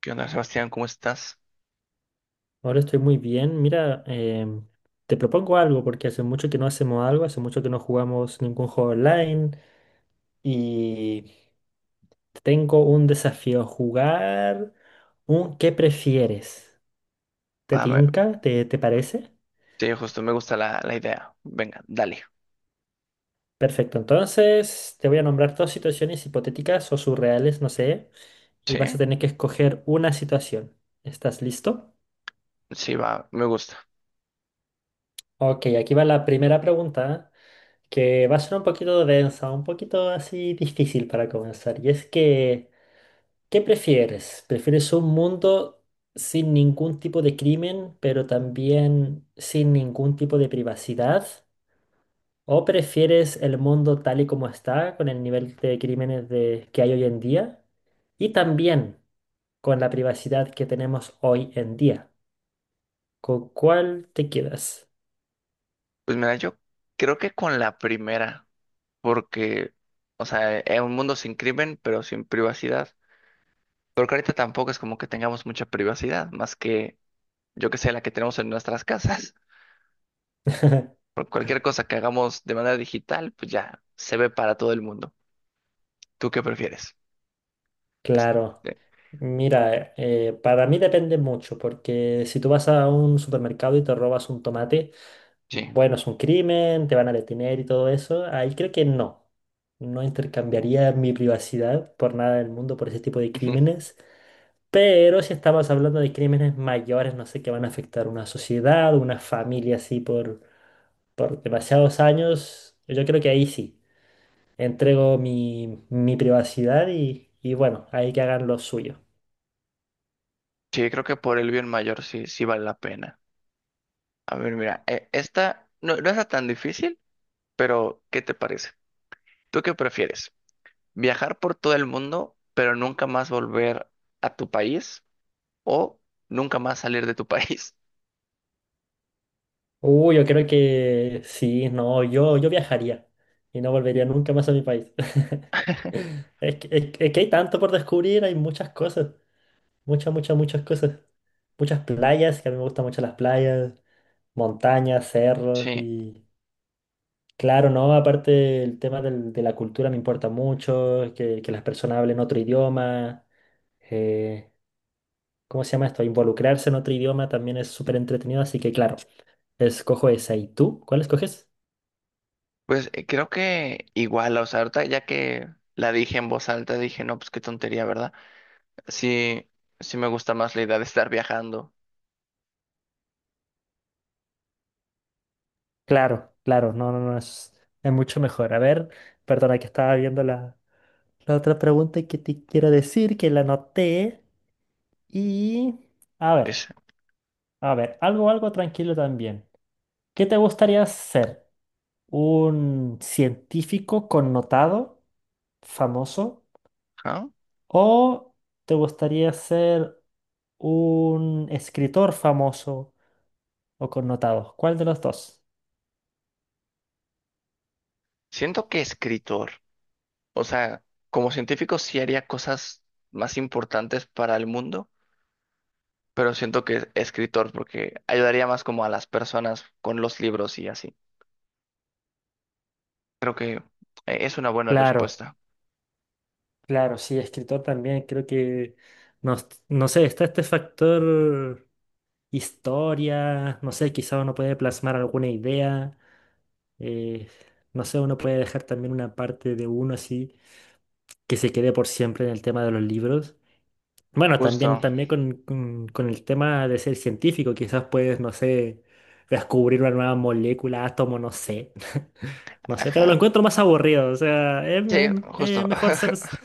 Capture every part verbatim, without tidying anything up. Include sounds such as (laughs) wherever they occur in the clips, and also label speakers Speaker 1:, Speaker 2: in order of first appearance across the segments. Speaker 1: ¿Qué onda, Sebastián? ¿Cómo estás?
Speaker 2: Ahora estoy muy bien. Mira, em, te propongo algo porque hace mucho que no hacemos algo, hace mucho que no jugamos ningún juego online y tengo un desafío, jugar un ¿qué prefieres? ¿Te
Speaker 1: Va, me-
Speaker 2: tinca? ¿Te, te parece?
Speaker 1: sí, justo me gusta la, la idea. Venga, dale.
Speaker 2: Perfecto, entonces te voy a nombrar dos situaciones hipotéticas o surreales, no sé, y vas a
Speaker 1: Sí,
Speaker 2: tener que escoger una situación. ¿Estás listo?
Speaker 1: sí, va, me gusta.
Speaker 2: Ok, aquí va la primera pregunta, que va a ser un poquito densa, un poquito así difícil para comenzar. Y es que, ¿qué prefieres? ¿Prefieres un mundo sin ningún tipo de crimen, pero también sin ningún tipo de privacidad? ¿O prefieres el mundo tal y como está, con el nivel de crímenes de- que hay hoy en día? Y también con la privacidad que tenemos hoy en día. ¿Con cuál te quedas?
Speaker 1: Pues mira, yo creo que con la primera, porque, o sea, es un mundo sin crimen, pero sin privacidad. Porque ahorita tampoco es como que tengamos mucha privacidad, más que, yo que sé, la que tenemos en nuestras casas. (laughs) Por cualquier cosa que hagamos de manera digital, pues ya se ve para todo el mundo. ¿Tú qué prefieres?
Speaker 2: Claro.
Speaker 1: Sí.
Speaker 2: Mira, eh, para mí depende mucho, porque si tú vas a un supermercado y te robas un tomate,
Speaker 1: Sí.
Speaker 2: bueno, es un crimen, te van a detener y todo eso. Ahí creo que no. No intercambiaría mi privacidad por nada del mundo por ese tipo de
Speaker 1: Ujú.
Speaker 2: crímenes. Pero si estamos hablando de crímenes mayores, no sé, que van a afectar una sociedad, una familia así por, por demasiados años, yo creo que ahí sí. Entrego mi, mi privacidad y, y bueno, ahí que hagan lo suyo.
Speaker 1: Sí, creo que por el bien mayor sí, sí vale la pena. A ver, mira, eh, esta no, no es tan difícil, pero ¿qué te parece? ¿Tú qué prefieres? ¿Viajar por todo el mundo, pero nunca más volver a tu país o nunca más salir de tu país? (laughs)
Speaker 2: Uh, yo creo que sí, no, yo, yo viajaría y no volvería nunca más a mi país. (laughs) Es que, es que es que hay tanto por descubrir, hay muchas cosas, muchas, muchas, muchas cosas. Muchas playas, que a mí me gustan mucho las playas, montañas, cerros
Speaker 1: Sí,
Speaker 2: y... Claro, ¿no? Aparte el tema del- de la cultura me importa mucho, que, que las personas hablen otro idioma, eh, ¿cómo se llama esto? Involucrarse en otro idioma también es súper entretenido, así que claro, escojo esa. ¿Y tú? ¿Cuál escoges?
Speaker 1: pues eh, creo que igual, o sea, ahorita ya que la dije en voz alta, dije, no, pues qué tontería, ¿verdad? Sí, sí me gusta más la idea de estar viajando.
Speaker 2: Claro, claro, no, no, no, es, es mucho mejor. A ver, perdona que estaba viendo la, la otra pregunta que te quiero decir, que la anoté. Y, a ver,
Speaker 1: Es-
Speaker 2: a ver, algo, algo tranquilo también. ¿Qué te gustaría ser? ¿Un científico connotado, famoso?
Speaker 1: ¿Ah?
Speaker 2: ¿O te gustaría ser un escritor famoso o connotado? ¿Cuál de los dos?
Speaker 1: Siento que escritor, o sea, como científico sí haría cosas más importantes para el mundo, pero siento que escritor porque ayudaría más como a las personas con los libros y así. Creo que eh, es una buena
Speaker 2: Claro.
Speaker 1: respuesta.
Speaker 2: Claro, sí, escritor también, creo que, no, no sé, está este factor historia, no sé, quizá uno puede plasmar alguna idea, eh, no sé, uno puede dejar también una parte de uno así que se quede por siempre en el tema de los libros. Bueno, también,
Speaker 1: Justo.
Speaker 2: también con, con- con el tema de ser científico, quizás puedes, no sé, descubrir una nueva molécula, átomo, no sé. No sé, pero lo
Speaker 1: Ajá.
Speaker 2: encuentro más aburrido. O sea, es,
Speaker 1: Sí,
Speaker 2: es-
Speaker 1: justo.
Speaker 2: es mejor ser.
Speaker 1: (laughs)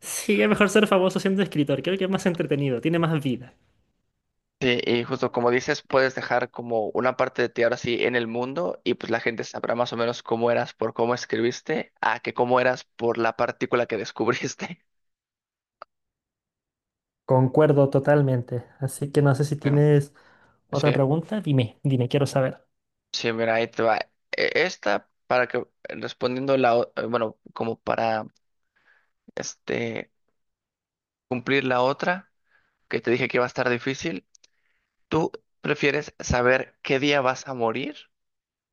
Speaker 2: Sí, es mejor ser famoso siendo escritor. Creo que es más entretenido, tiene más vida.
Speaker 1: Sí, y justo como dices, puedes dejar como una parte de ti ahora sí en el mundo y pues la gente sabrá más o menos cómo eras por cómo escribiste a que cómo eras por la partícula que descubriste. (laughs)
Speaker 2: Concuerdo totalmente. Así que no sé si
Speaker 1: Mm.
Speaker 2: tienes otra
Speaker 1: Sí,
Speaker 2: pregunta. Dime, dime, quiero saber.
Speaker 1: sí, mira, ahí te va. E- Esta, para que respondiendo la, o- eh, bueno, como para este cumplir la otra, que te dije que iba a estar difícil. ¿Tú prefieres saber qué día vas a morir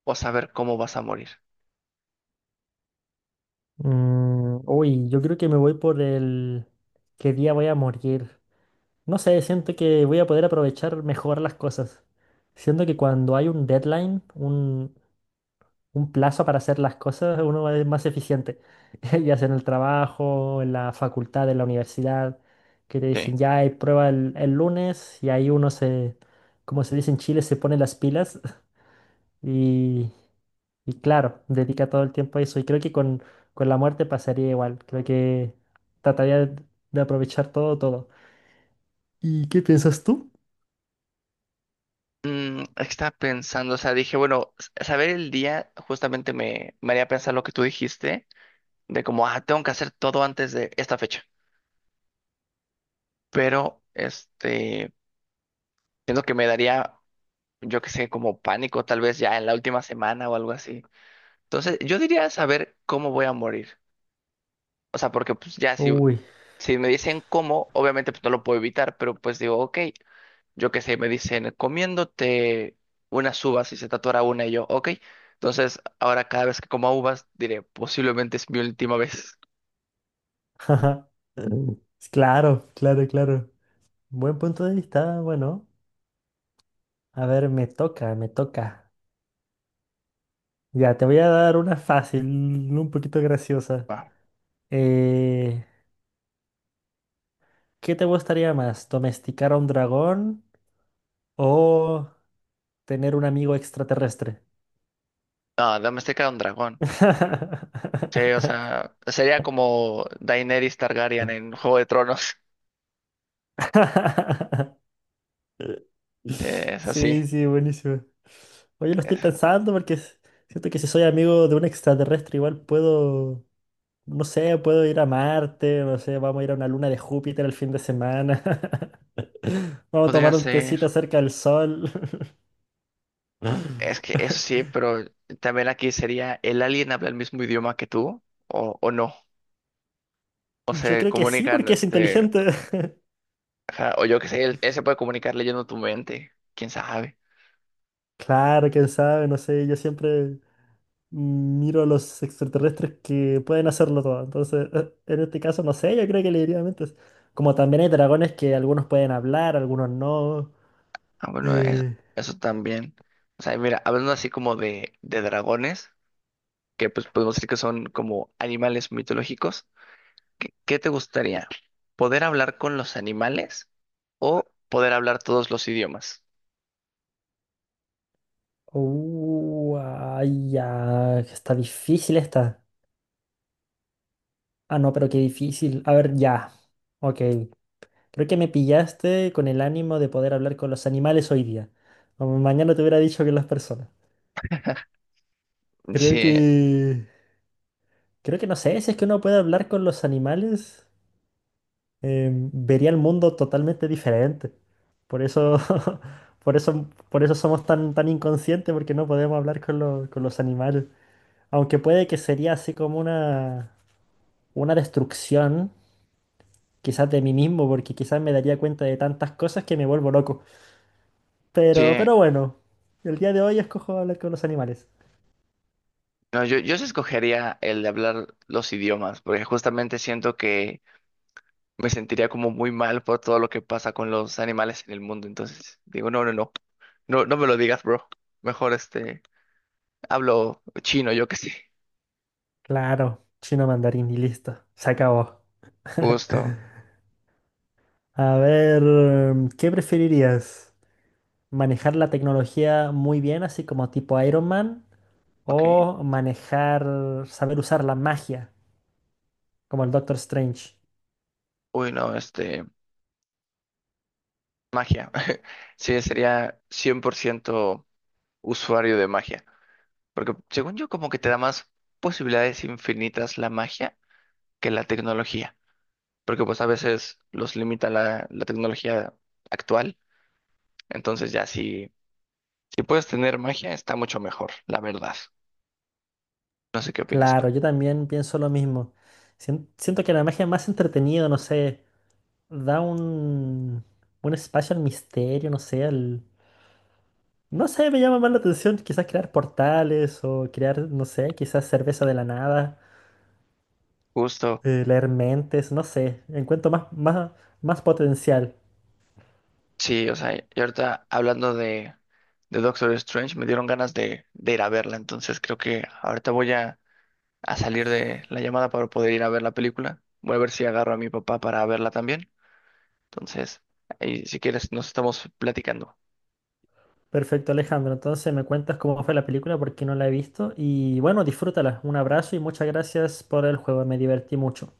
Speaker 1: o saber cómo vas a morir?
Speaker 2: Mm, uy, yo creo que me voy por el qué día voy a morir. No sé, siento que voy a poder aprovechar mejor las cosas. Siento que cuando hay un deadline, un plazo para hacer las cosas, uno es más eficiente. (laughs) Ya sea en el trabajo, en la facultad, en la universidad, que te dicen
Speaker 1: Sí.
Speaker 2: ya hay prueba el, el lunes y ahí uno se, como se dice en Chile, se pone las pilas (laughs) y, y claro, dedica todo el tiempo a eso. Y creo que con, con la muerte pasaría igual. Creo que trataría de, de aprovechar todo, todo. ¿Y qué piensas tú?
Speaker 1: Mm, estaba pensando, o sea, dije, bueno, s- saber el día justamente me, me haría pensar lo que tú dijiste, de como, ah, tengo que hacer todo antes de esta fecha. Pero, este, siento que me daría, yo qué sé, como pánico, tal vez ya en la última semana o algo así. Entonces, yo diría saber cómo voy a morir. O sea, porque pues ya si,
Speaker 2: Uy,
Speaker 1: si me dicen cómo, obviamente pues no lo puedo evitar, pero pues digo, ok, yo qué sé, me dicen comiéndote unas uvas y se tatuará una y yo, ok. Entonces, ahora cada vez que coma uvas diré, posiblemente es mi última vez.
Speaker 2: (laughs) jaja. Claro, claro, claro. Buen punto de vista, bueno. A ver, me toca, me toca. Ya, te voy a dar una fácil, un poquito graciosa.
Speaker 1: Ah.
Speaker 2: Eh, ¿qué te gustaría más? ¿Domesticar a un dragón o tener un amigo extraterrestre?
Speaker 1: Ah, Domestika era un dragón. Sí, o
Speaker 2: (laughs)
Speaker 1: sea, sería como Daenerys Targaryen en Juego de Tronos. (laughs) Eh, Es así.
Speaker 2: Sí, sí, buenísimo. Oye, lo estoy
Speaker 1: Eh,
Speaker 2: pensando porque s- siento que si soy amigo de un extraterrestre, igual puedo, no sé, puedo ir a Marte, no sé, vamos a ir a una luna de Júpiter el fin de semana. Vamos a
Speaker 1: Podría
Speaker 2: tomar un
Speaker 1: ser.
Speaker 2: tecito cerca del sol.
Speaker 1: Es que eso sí, pero también aquí sería, ¿el alien habla el mismo idioma que tú? ¿O, o no? o
Speaker 2: Yo
Speaker 1: se
Speaker 2: creo que sí,
Speaker 1: comunican,
Speaker 2: porque es
Speaker 1: este,
Speaker 2: inteligente. (laughs)
Speaker 1: Ajá, o yo qué sé, él, él se puede comunicar leyendo tu mente, quién sabe.
Speaker 2: Claro, quién sabe, no sé. Yo siempre miro a los extraterrestres que pueden hacerlo todo. Entonces, (laughs) eh, en este caso, no sé, yo creo que le diría mentes. Como también hay dragones que algunos pueden hablar, algunos no.
Speaker 1: Ah, bueno, es-
Speaker 2: Eh,
Speaker 1: eso también. O sea, mira, hablando así como de, de dragones, que pues podemos decir que son como animales mitológicos, ¿qué, ¿qué te gustaría? ¿Poder hablar con los animales o poder hablar todos los idiomas?
Speaker 2: uh, ay, ya. Está difícil esta. Ah, no, pero qué difícil. A ver, ya. Ok. Creo que me pillaste con el ánimo de poder hablar con los animales hoy día. O mañana te hubiera dicho que las personas. Creo
Speaker 1: Sí,
Speaker 2: que... Creo que no sé, si es que uno puede hablar con los animales, em, vería el mundo totalmente diferente. Por eso, (laughs) por eso, por eso somos tan, tan inconscientes, porque no podemos hablar con, lo- con los animales. Aunque puede que sería así como una, una destrucción, quizás de mí mismo, porque quizás me daría cuenta de tantas cosas que me vuelvo loco. Pero,
Speaker 1: sí.
Speaker 2: pero bueno, el día de hoy escojo hablar con los animales.
Speaker 1: No, yo, yo sí escogería el de hablar los idiomas, porque justamente siento que me sentiría como muy mal por todo lo que pasa con los animales en el mundo. Entonces, digo, no, no, no, no, no me lo digas, bro. Mejor este, hablo chino, yo qué sé.
Speaker 2: Claro, chino mandarín y listo, se acabó. (laughs)
Speaker 1: Justo,
Speaker 2: A ver, em, ¿qué preferirías? ¿Manejar la tecnología muy bien, así como tipo Iron Man?
Speaker 1: ok.
Speaker 2: ¿O manejar, saber usar la magia, como el Doctor Strange?
Speaker 1: Uy, no, este, magia. (laughs) Sí, sería cien por ciento usuario de magia. Porque según yo, como que te da más posibilidades infinitas la magia que la tecnología. Porque pues a veces los limita la, la tecnología actual. Entonces ya si, si puedes tener magia, está mucho mejor, la verdad. No sé qué opinas tú.
Speaker 2: Claro, yo también pienso lo mismo. Sien- Siento que la magia es más entretenida, no sé, da un, un espacio al misterio, no sé, no sé, me llama más la atención quizás crear portales o crear, no sé, quizás cerveza de la nada,
Speaker 1: Justo,
Speaker 2: eh, leer mentes, no sé. Encuentro más, más, más potencial.
Speaker 1: sí, o sea, y ahorita hablando de, de Doctor Strange, me dieron ganas de, de ir a verla, entonces creo que ahorita voy a, a salir de la llamada para poder ir a ver la película. Voy a ver si agarro a mi papá para verla también. Entonces, ahí si quieres, nos estamos platicando.
Speaker 2: Perfecto, Alejandro. Entonces me cuentas cómo fue la película porque no la he visto. Y bueno, disfrútala. Un abrazo y muchas gracias por el juego. Me divertí mucho.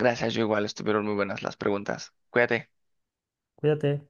Speaker 1: Gracias, yo igual, estuvieron muy buenas las preguntas. Cuídate.
Speaker 2: Cuídate.